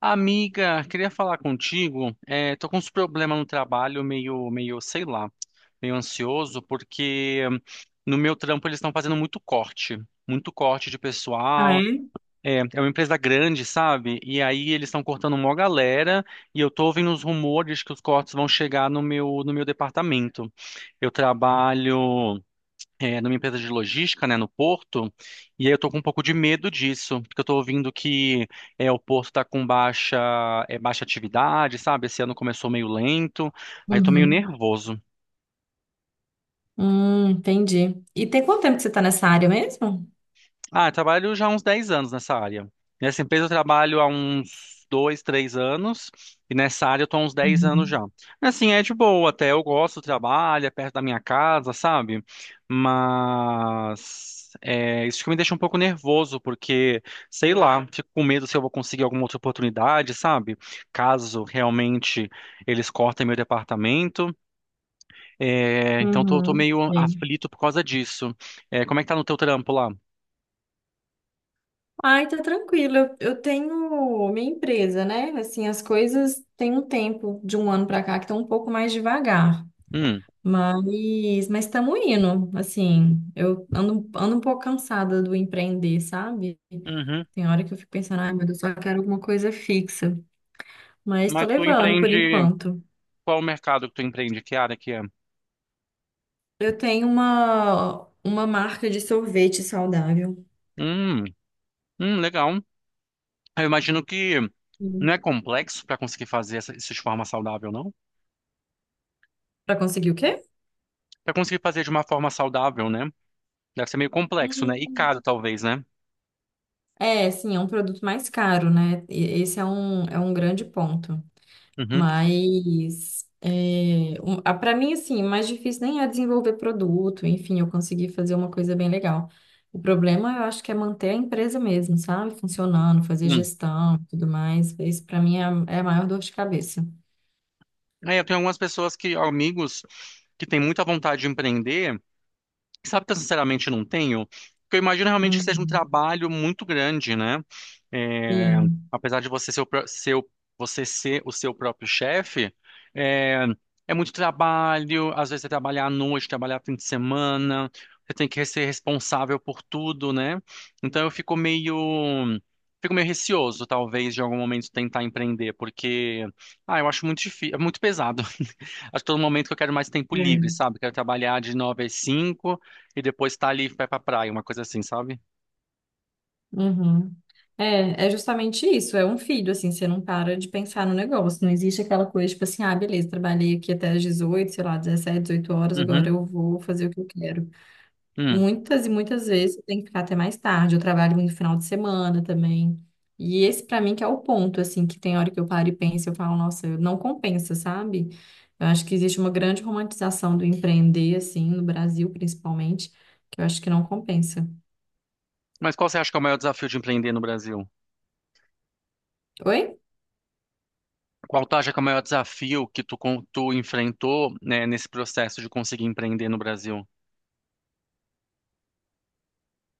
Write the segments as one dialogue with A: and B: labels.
A: Amiga, queria falar contigo. Tô com uns problemas no trabalho, meio, sei lá, meio ansioso, porque no meu trampo eles estão fazendo muito corte de
B: Ah,
A: pessoal.
B: é?
A: É uma empresa grande, sabe? E aí eles estão cortando mó galera, e eu tô ouvindo os rumores que os cortes vão chegar no meu departamento. Eu trabalho numa empresa de logística, né, no porto, e aí eu tô com um pouco de medo disso, porque eu tô ouvindo que o porto tá com baixa, baixa atividade, sabe? Esse ano começou meio lento, aí eu tô meio
B: Uhum.
A: nervoso.
B: Entendi. E tem quanto tempo que você tá nessa área mesmo?
A: Ah, eu trabalho já há uns 10 anos nessa área. Nessa empresa eu trabalho há uns 2, 3 anos, e nessa área eu tô há uns 10 anos
B: Uhum.
A: já. Assim, é de boa até, eu gosto do trabalho, é perto da minha casa, sabe? Mas é, isso que me deixa um pouco nervoso, porque, sei lá, fico com medo se eu vou conseguir alguma outra oportunidade, sabe? Caso realmente eles cortem meu departamento. Então tô,
B: Uhum.
A: meio
B: Bem.
A: aflito por causa disso. É, como é que tá no teu trampo lá?
B: Ai, tá tranquilo. Eu tenho minha empresa, né? Assim, as coisas têm um tempo de um ano pra cá que estão um pouco mais devagar. Mas, estamos indo. Assim, eu ando um pouco cansada do empreender, sabe?
A: Hum.
B: Tem hora que eu fico pensando, ai, meu Deus, eu só quero alguma coisa fixa. Mas tô
A: Mas tu
B: levando por
A: empreende,
B: enquanto.
A: qual o mercado que tu empreende? Que área que é?
B: Eu tenho uma marca de sorvete saudável.
A: Hum, legal. Eu imagino que
B: Hum.
A: não é complexo para conseguir fazer isso de forma saudável, não?
B: Pra conseguir o quê?
A: Para conseguir fazer de uma forma saudável, né? Deve ser meio complexo, né? E
B: Hum.
A: caro, talvez, né?
B: É, sim, é um produto mais caro, né? E- é um grande ponto.
A: Uhum.
B: Mas, para mim, assim, o mais difícil nem é desenvolver produto, enfim, eu consegui fazer uma coisa bem legal. O problema, eu acho que é manter a empresa mesmo, sabe? Funcionando, fazer
A: Hum.
B: gestão e tudo mais. Isso, para mim, é a maior dor de cabeça.
A: É, eu tenho algumas pessoas que, amigos, que têm muita vontade de empreender. Sabe que eu sinceramente não tenho? Porque eu imagino realmente que seja um
B: Uhum.
A: trabalho muito grande, né? É,
B: Sim.
A: Apesar de você ser você ser o seu próprio chefe, é, é muito trabalho, às vezes é trabalhar à noite, trabalhar fim de semana, você tem que ser responsável por tudo, né? Então fico meio receoso, talvez, de algum momento tentar empreender, porque, ah, eu acho muito difícil, é muito pesado. Acho que todo momento que eu quero mais tempo livre, sabe? Quero trabalhar de nove às cinco e depois tá ali e vai pra praia, uma coisa assim, sabe?
B: Uhum. É, é justamente isso, é um filho, assim, você não para de pensar no negócio, não existe aquela coisa, tipo assim, ah, beleza, trabalhei aqui até as 18, sei lá, 17 18 horas, agora
A: Uhum.
B: eu vou fazer o que eu quero.
A: Hum.
B: Muitas e muitas vezes você tem que ficar até mais tarde, eu trabalho no final de semana também, e esse pra mim que é o ponto, assim, que tem hora que eu paro e penso, eu falo, nossa, não compensa, sabe? Eu acho que existe uma grande romantização do empreender, assim, no Brasil principalmente, que eu acho que não compensa.
A: Mas qual você acha que é o maior desafio de empreender no Brasil?
B: Oi?
A: Qual tu acha que é o maior desafio que tu enfrentou, né, nesse processo de conseguir empreender no Brasil?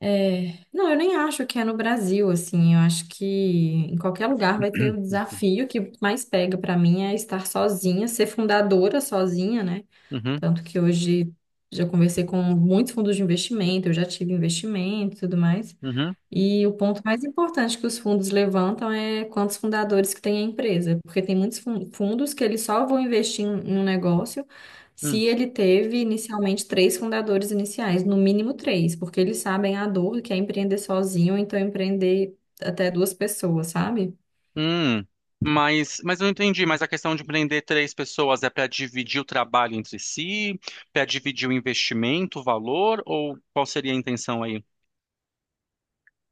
B: É, não, eu nem acho que é no Brasil, assim, eu acho que em qualquer lugar vai ter o desafio que mais pega pra mim é estar sozinha, ser fundadora sozinha, né?
A: Uhum,
B: Tanto que hoje já conversei com muitos fundos de investimento, eu já tive investimento e tudo mais.
A: uhum,
B: E o ponto mais importante que os fundos levantam é quantos fundadores que tem a empresa, porque tem muitos fundos que eles só vão investir em um negócio se
A: hum.
B: ele teve inicialmente três fundadores iniciais, no mínimo três, porque eles sabem a dor que é empreender sozinho, então empreender até duas pessoas, sabe?
A: Hum. Mas eu não entendi, mas a questão de empreender três pessoas é para dividir o trabalho entre si, para dividir o investimento, o valor, ou qual seria a intenção aí?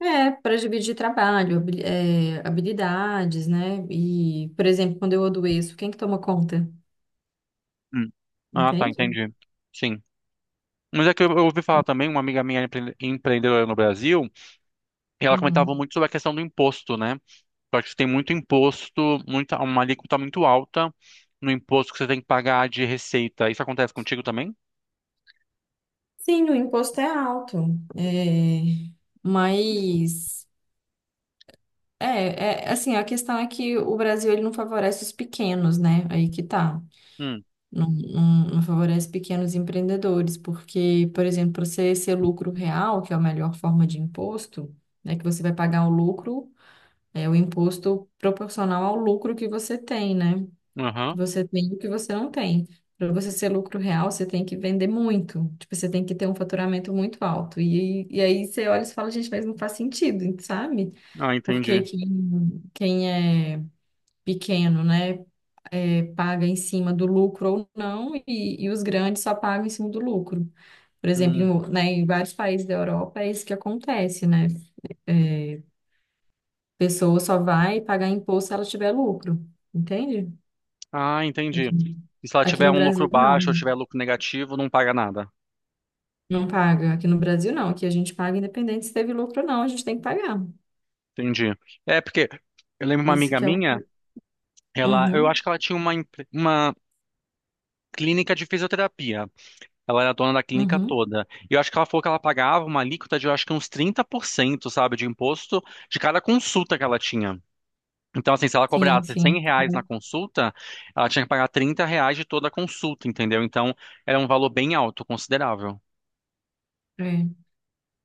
B: É, para dividir trabalho, habilidades, né? E, por exemplo, quando eu adoeço, quem que toma conta?
A: Hum. Ah, tá,
B: Entende?
A: entendi. Sim. Mas é que eu ouvi falar também, uma amiga minha é empreendedora no Brasil. E ela comentava
B: Uhum.
A: muito sobre a questão do imposto, né? Eu acho que tem muito imposto, uma alíquota muito alta no imposto que você tem que pagar de receita. Isso acontece contigo também?
B: Sim, o imposto é alto, é, mas é assim, a questão é que o Brasil ele não favorece os pequenos, né? Aí que tá.
A: Hum,
B: Não, não favorece pequenos empreendedores, porque, por exemplo, para você ser lucro real, que é a melhor forma de imposto, né? Que você vai pagar o lucro, é o imposto proporcional ao lucro que você tem, né? Que
A: aham.
B: você tem e o que você não tem. Para você ser lucro real, você tem que vender muito. Tipo, você tem que ter um faturamento muito alto. E aí você olha e você fala, gente, mas não faz sentido, sabe?
A: Ah,
B: Porque
A: entendi.
B: quem é pequeno, né, é, paga em cima do lucro ou não, e os grandes só pagam em cima do lucro. Por exemplo,
A: Hum.
B: em, né, em vários países da Europa é isso que acontece, né? Pessoa só vai pagar imposto se ela tiver lucro, entende?
A: Ah, entendi.
B: Aqui,
A: E se ela tiver
B: no
A: um lucro
B: Brasil,
A: baixo ou
B: não.
A: tiver lucro negativo, não paga nada.
B: Não paga. Aqui no Brasil, não. Aqui a gente paga independente se teve lucro ou não, a gente tem que pagar.
A: Entendi. É, porque eu lembro uma
B: Esse
A: amiga
B: que é o.
A: minha, ela, eu
B: Uhum,
A: acho que ela tinha uma clínica de fisioterapia. Ela era dona da clínica
B: uhum.
A: toda. E eu acho que ela falou que ela pagava uma alíquota de, eu acho que uns 30%, sabe, de imposto de cada consulta que ela tinha. Então, assim, se ela
B: Sim,
A: cobrasse 100
B: sim.
A: reais na consulta, ela tinha que pagar 30 reais de toda a consulta, entendeu? Então, era um valor bem alto, considerável.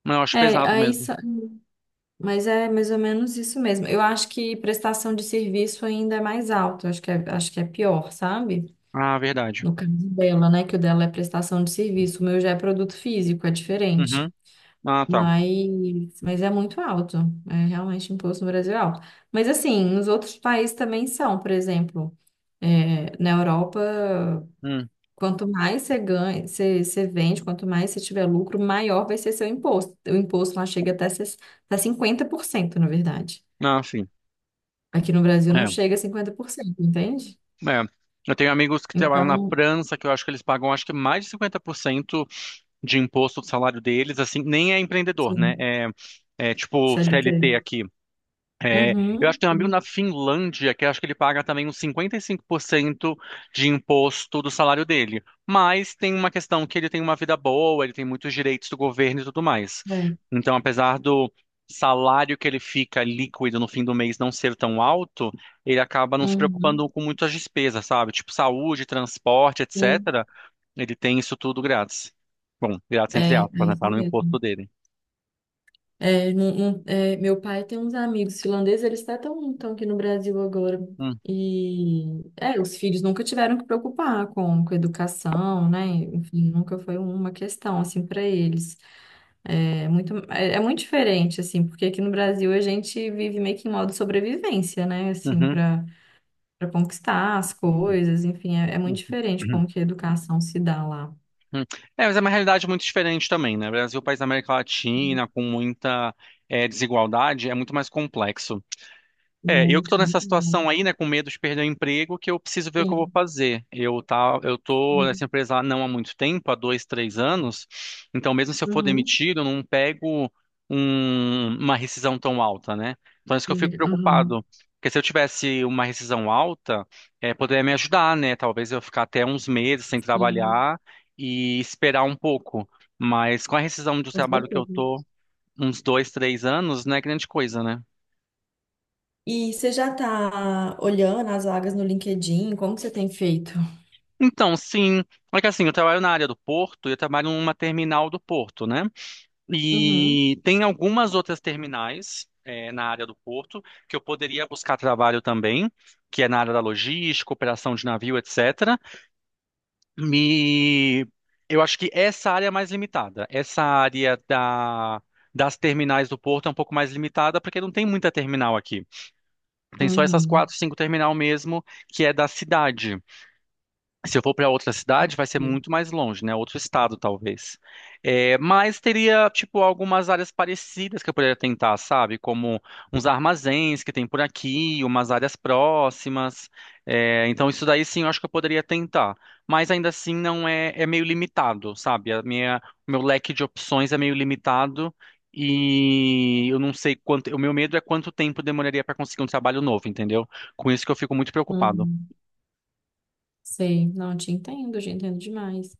A: Mas eu acho
B: É
A: pesado
B: aí,
A: mesmo.
B: mas é mais ou menos isso mesmo. Eu acho que prestação de serviço ainda é mais alto. Acho que é pior, sabe?
A: Ah, verdade.
B: No caso dela, né? Que o dela é prestação de serviço. O meu já é produto físico, é diferente.
A: Uhum. Ah, tá.
B: Mas é muito alto. É realmente o imposto no Brasil é alto. Mas assim, nos outros países também são, por exemplo, é, na Europa,
A: Hum.
B: quanto mais você ganha, você vende, quanto mais você tiver lucro, maior vai ser seu imposto. O imposto lá chega até 50% na verdade.
A: Ah, sim.
B: Aqui no Brasil não
A: É.
B: chega a 50%, entende?
A: É. Eu tenho amigos que trabalham na
B: Então,
A: França, que eu acho que eles pagam, acho que mais de 50% de imposto do salário deles, assim, nem é empreendedor, né?
B: sim,
A: É, é tipo
B: CLT.
A: CLT aqui. É, eu acho
B: Uhum,
A: que tem um amigo
B: sim,
A: na Finlândia que eu acho que ele paga também uns 55% de imposto do salário dele. Mas tem uma questão que ele tem uma vida boa, ele tem muitos direitos do governo e tudo mais.
B: é.
A: Então, apesar do salário que ele fica líquido no fim do mês não ser tão alto, ele acaba não se preocupando
B: Uhum,
A: com muitas despesas, sabe? Tipo saúde, transporte,
B: sim,
A: etc. Ele tem isso tudo grátis. Bom, grátis entre
B: é, é
A: aspas, né?
B: isso
A: Tá no imposto
B: mesmo.
A: dele.
B: É, meu pai tem uns amigos finlandeses, eles até estão aqui no Brasil agora.
A: Hum,
B: E os filhos nunca tiveram que preocupar com educação, né? Enfim, nunca foi uma questão assim para eles. É muito diferente assim, porque aqui no Brasil a gente vive meio que em modo sobrevivência, né? Assim,
A: uhum,
B: para conquistar as coisas, enfim, é muito
A: uhum,
B: diferente
A: uhum.
B: como que a educação se dá lá.
A: Uhum. É, mas é uma realidade muito diferente também, né? Brasil, país da América Latina, com muita desigualdade, é muito mais complexo. É, eu que tô
B: Muito,
A: nessa
B: muito mais.
A: situação aí, né, com medo de perder o emprego, que eu preciso ver o que eu vou
B: Sim.
A: fazer. Eu tô nessa empresa não há muito tempo, há dois, três anos, então mesmo se eu for
B: Uhum.
A: demitido, eu não pego uma rescisão tão alta, né? Então é isso que eu fico
B: Uhum.
A: preocupado, porque se eu tivesse uma rescisão alta, é, poderia me ajudar, né? Talvez eu ficar até uns meses sem
B: Sim.
A: trabalhar e esperar um pouco, mas com a rescisão do
B: Com
A: trabalho que eu
B: certeza.
A: tô, uns dois, três anos, não é grande coisa, né?
B: E você já está olhando as vagas no LinkedIn? Como que você tem feito?
A: Então, sim. É que assim, eu trabalho na área do porto e eu trabalho numa terminal do porto, né?
B: Uhum,
A: E tem algumas outras terminais na área do porto que eu poderia buscar trabalho também, que é na área da logística, operação de navio, etc. E eu acho que essa área é mais limitada. Essa das terminais do porto é um pouco mais limitada porque não tem muita terminal aqui. Tem só essas
B: uhum.
A: quatro, cinco terminal mesmo que é da cidade. Se eu for para outra cidade, vai ser
B: Viu?
A: muito mais longe, né? Outro estado, talvez. É, mas teria, tipo, algumas áreas parecidas que eu poderia tentar, sabe? Como uns armazéns que tem por aqui, umas áreas próximas. É, então, isso daí sim, eu acho que eu poderia tentar. Mas ainda assim, não é, é meio limitado, sabe? O meu leque de opções é meio limitado e eu não sei quanto. O meu medo é quanto tempo demoraria para conseguir um trabalho novo, entendeu? Com isso que eu fico muito preocupado.
B: Uhum. Sei, não te entendo, te entendo demais.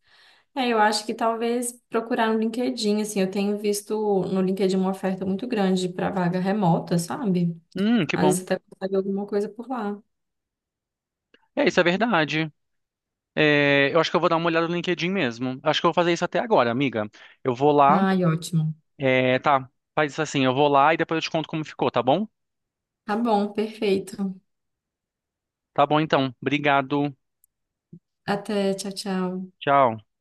B: É, eu acho que talvez procurar no LinkedIn, assim, eu tenho visto no LinkedIn uma oferta muito grande para vaga remota, sabe?
A: Que
B: Às vezes
A: bom.
B: você até consegue alguma coisa por lá.
A: É, isso é verdade. É, eu acho que eu vou dar uma olhada no LinkedIn mesmo. Acho que eu vou fazer isso até agora, amiga. Eu vou lá.
B: Ai, ótimo.
A: É, tá, faz isso assim. Eu vou lá e depois eu te conto como ficou, tá bom?
B: Tá bom, perfeito.
A: Tá bom, então. Obrigado.
B: Até, tchau, tchau.
A: Tchau.